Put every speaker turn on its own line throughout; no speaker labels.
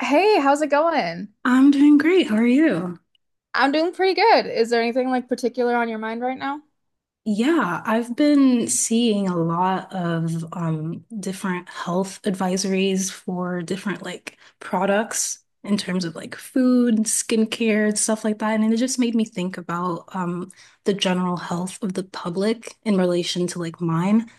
Hey, how's it going?
I'm doing great. How are you?
I'm doing pretty good. Is there anything like particular on your mind right now?
Yeah, I've been seeing a lot of different health advisories for different like products in terms of like food, skincare, and stuff like that. And it just made me think about the general health of the public in relation to like mine.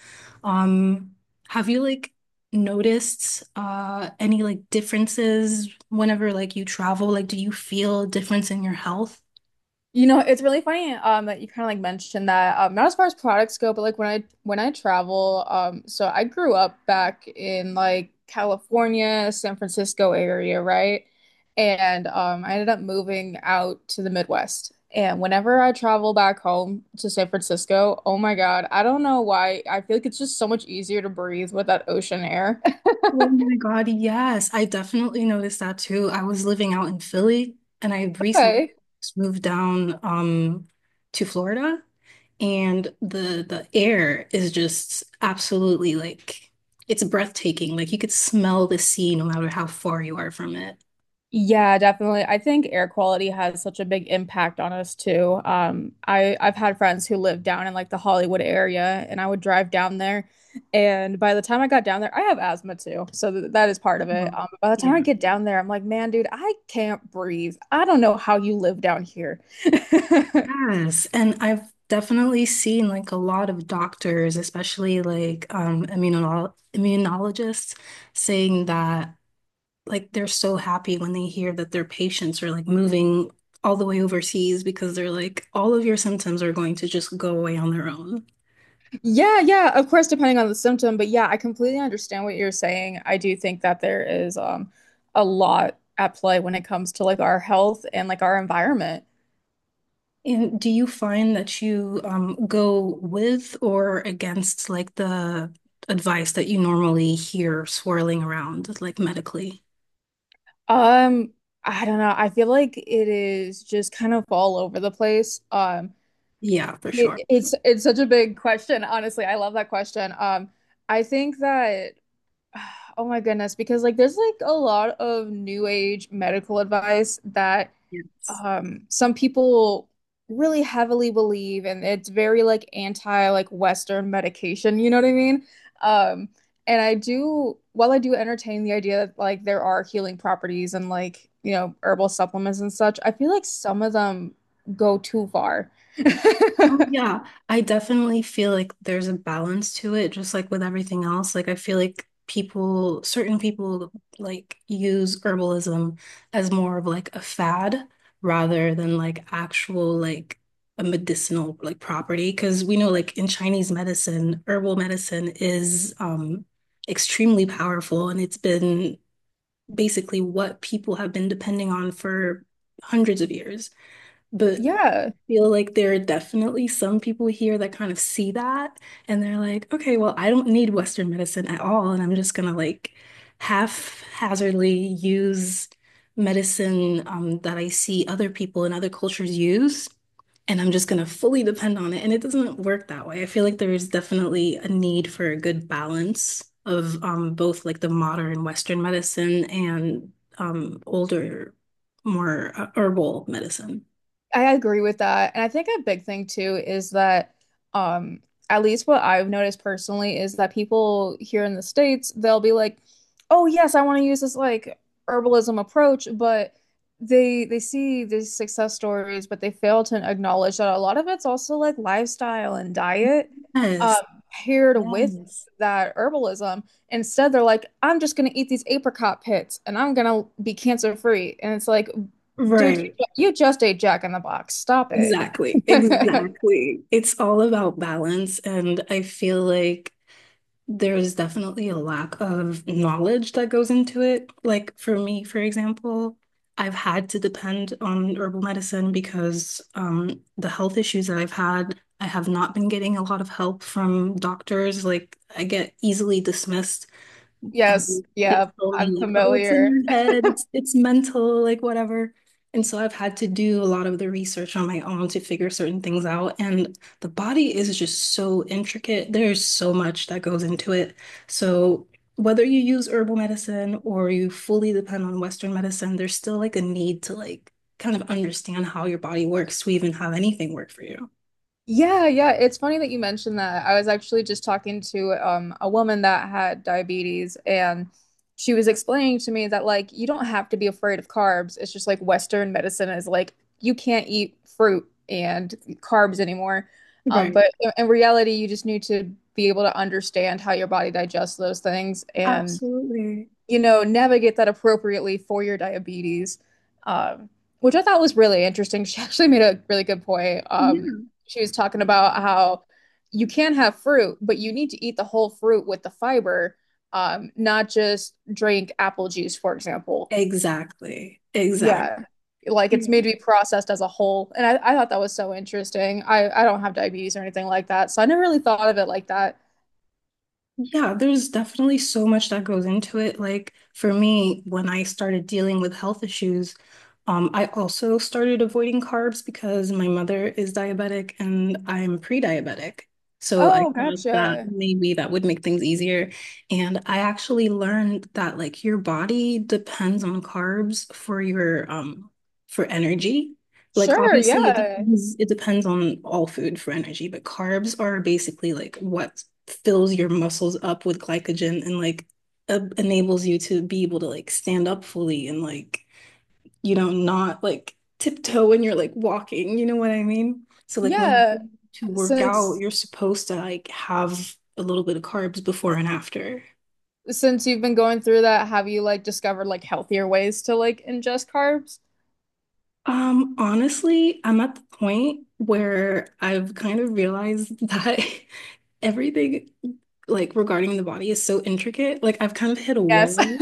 Um, have you like noticed any like differences whenever like you travel? Like, do you feel a difference in your health?
You know, it's really funny that you kind of like mentioned that not as far as products go, but like when I travel so I grew up back in like California, San Francisco area, right? And I ended up moving out to the Midwest. And whenever I travel back home to San Francisco, oh my God, I don't know why. I feel like it's just so much easier to breathe with that ocean air.
Oh my God, yes. I definitely noticed that too. I was living out in Philly and I had recently
Okay.
just moved down to Florida and the air is just absolutely like it's breathtaking. Like you could smell the sea no matter how far you are from it.
Yeah, definitely. I think air quality has such a big impact on us too. I've had friends who live down in like the Hollywood area, and I would drive down there, and by the time I got down there, I have asthma too, so th that is part of it.
Wow.
By the time I
Yeah.
get down there, I'm like, man, dude, I can't breathe. I don't know how you live down here.
Yes. And I've definitely seen like a lot of doctors, especially like immunologists, saying that like they're so happy when they hear that their patients are like moving all the way overseas because they're like, all of your symptoms are going to just go away on their own.
Yeah, yeah, of course, depending on the symptom, but yeah, I completely understand what you're saying. I do think that there is a lot at play when it comes to like our health and like our environment.
And do you find that you go with or against like the advice that you normally hear swirling around, like medically?
Um, I don't know. I feel like it is just kind of all over the place.
Yeah, for
It,
sure.
it's it's such a big question, honestly. I love that question. I think that oh my goodness, because like there's like a lot of new age medical advice that
Yes.
some people really heavily believe, and it's very like anti like Western medication, you know what I mean? Um and I do, while I do entertain the idea that like there are healing properties and, like, you know, herbal supplements and such, I feel like some of them go too far.
Oh, yeah. I definitely feel like there's a balance to it, just like with everything else. Like, I feel like people, certain people, like use herbalism as more of like a fad rather than like actual, like a medicinal like property. Because we know, like in Chinese medicine, herbal medicine is extremely powerful and it's been basically what people have been depending on for hundreds of years. But
Yeah.
feel like there are definitely some people here that kind of see that and they're like, okay, well, I don't need Western medicine at all, and I'm just gonna like haphazardly use medicine that I see other people in other cultures use, and I'm just gonna fully depend on it. And it doesn't work that way. I feel like there is definitely a need for a good balance of both like the modern Western medicine and older, more herbal medicine.
I agree with that. And I think a big thing too is that um at least what I've noticed personally is that people here in the States, they'll be like, "Oh yes, I want to use this like herbalism approach," but they see these success stories, but they fail to acknowledge that a lot of it's also like lifestyle and diet um
Yes.
paired with
Yes.
that herbalism. Instead, they're like, "I'm just going to eat these apricot pits and I'm going to be cancer free." And it's like, dude,
Right.
you just ate Jack in the Box. Stop it.
Exactly. Exactly. It's all about balance. And I feel like there's definitely a lack of knowledge that goes into it. Like for me, for example, I've had to depend on herbal medicine because the health issues that I've had, I have not been getting a lot of help from doctors. Like I get easily dismissed.
Yes,
They
yeah,
tell
I'm
me like, oh, it's in
familiar.
your head, it's mental, like whatever. And so I've had to do a lot of the research on my own to figure certain things out. And the body is just so intricate. There's so much that goes into it. So whether you use herbal medicine or you fully depend on Western medicine, there's still like a need to like kind of understand how your body works to even have anything work for you.
Yeah, yeah. It's funny that you mentioned that. I was actually just talking to a woman that had diabetes, and she was explaining to me that like you don't have to be afraid of carbs. It's just like Western medicine is like you can't eat fruit and carbs anymore. But
Right.
in reality, you just need to be able to understand how your body digests those things and,
Absolutely.
you know, navigate that appropriately for your diabetes, um, which I thought was really interesting. She actually made a really good point.
Yeah.
She was talking about how you can have fruit, but you need to eat the whole fruit with the fiber, not just drink apple juice, for example.
Exactly. Exactly.
Yeah. Like it's made to be processed as a whole. And I thought that was so interesting. I don't have diabetes or anything like that. So I never really thought of it like that.
Yeah, there's definitely so much that goes into it. Like for me, when I started dealing with health issues, I also started avoiding carbs because my mother is diabetic and I'm pre-diabetic. So I
Oh,
thought that
gotcha.
maybe that would make things easier. And I actually learned that like your body depends on carbs for your for energy. Like
Sure.
obviously it
Yeah.
depends it depends on all food for energy, but carbs are basically like what fills your muscles up with glycogen and like enables you to be able to like stand up fully and like you know not like tiptoe when you're like walking, you know what I mean, so like when you
Yeah.
go to work out
Since
you're supposed to like have a little bit of carbs before and after.
since you've been going through that, have you like discovered like healthier ways to like ingest carbs?
Honestly I'm at the point where I've kind of realized that everything like regarding the body is so intricate, like I've kind of hit a
Yes.
wall.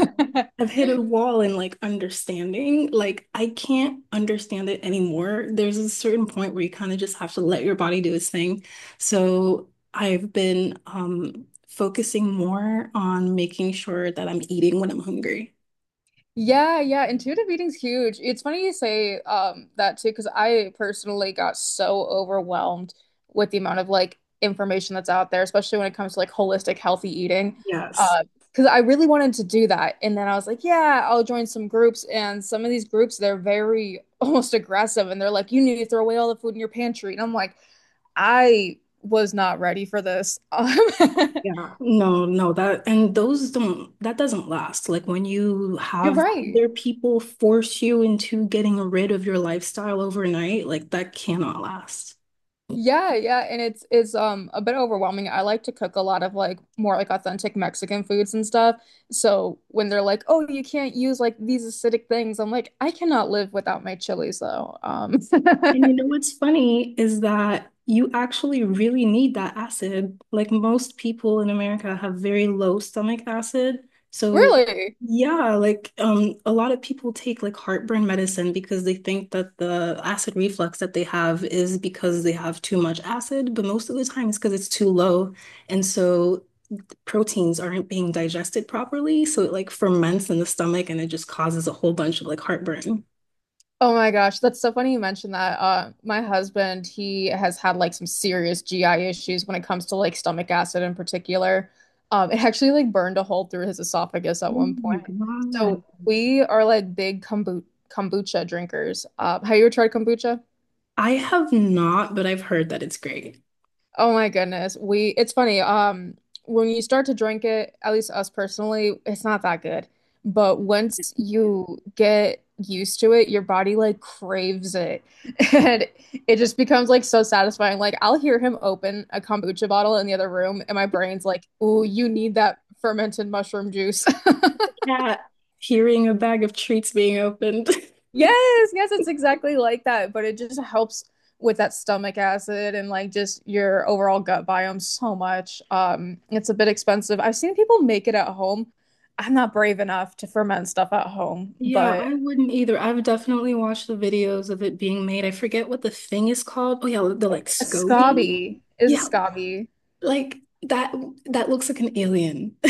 I've hit a wall in like understanding. Like I can't understand it anymore. There's a certain point where you kind of just have to let your body do its thing. So I've been focusing more on making sure that I'm eating when I'm hungry.
Yeah, yeah, intuitive eating's huge. It's funny you say that too, because I personally got so overwhelmed with the amount of like information that's out there, especially when it comes to like holistic healthy eating.
Yes.
Uh, because I really wanted to do that. And then I was like, yeah, I'll join some groups. And some of these groups, they're very almost aggressive and they're like, you need to throw away all the food in your pantry. And I'm like, I was not ready for this.
Yeah. No, no, that and those don't that doesn't last. Like when you
You're
have
right.
other people force you into getting rid of your lifestyle overnight, like that cannot last. And
Yeah, yeah, and it's a bit overwhelming. I like to cook a lot of like more like authentic Mexican foods and stuff. So when they're like, "Oh, you can't use like these acidic things," I'm like, "I cannot live without my chilies though."
you know what's funny is that you actually really need that acid. Like most people in America have very low stomach acid. So
Really.
yeah, like a lot of people take like heartburn medicine because they think that the acid reflux that they have is because they have too much acid, but most of the time it's because it's too low. And so proteins aren't being digested properly. So it like ferments in the stomach and it just causes a whole bunch of like heartburn.
Oh my gosh, that's so funny you mentioned that. My husband, he has had like some serious GI issues when it comes to like stomach acid in particular. It actually like burned a hole through his esophagus at
Oh
one
my
point. So
God.
we are like big kombucha drinkers. Have you ever tried kombucha?
I have not, but I've heard that it's great.
Oh my goodness. We it's funny. When you start to drink it, at least us personally, it's not that good. But once you get used to it, your body like craves it. And it just becomes like so satisfying. Like I'll hear him open a kombucha bottle in the other room and my brain's like, "Ooh, you need that fermented mushroom juice."
Cat hearing a bag of treats being opened.
Yes, yes, it's exactly like that, but it just helps with that stomach acid and like just your overall gut biome so much. It's a bit expensive. I've seen people make it at home. I'm not brave enough to ferment stuff at home,
Yeah,
but
I wouldn't either. I've definitely watched the videos of it being made. I forget what the thing is called. Oh yeah, the like
a
SCOBY.
scabi is a
Yeah,
scabi.
like that that looks like an alien.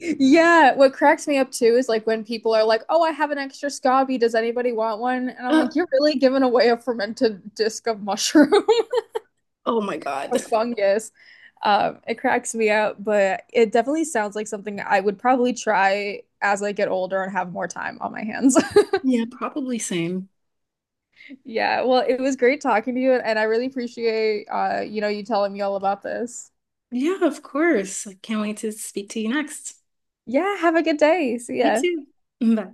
Yeah, what cracks me up too is like when people are like, "Oh, I have an extra scabi. Does anybody want one?" And I'm
Uh,
like, "You're really giving away a fermented disc of mushroom."
oh my God.
A fungus. It cracks me up, but it definitely sounds like something I would probably try as I get older and have more time on my hands.
Yeah, probably same.
Yeah, well, it was great talking to you, and I really appreciate you know, you telling me all about this.
Yeah, of course. I can't wait to speak to you next.
Yeah, have a good day. See
You
ya.
too. Bye.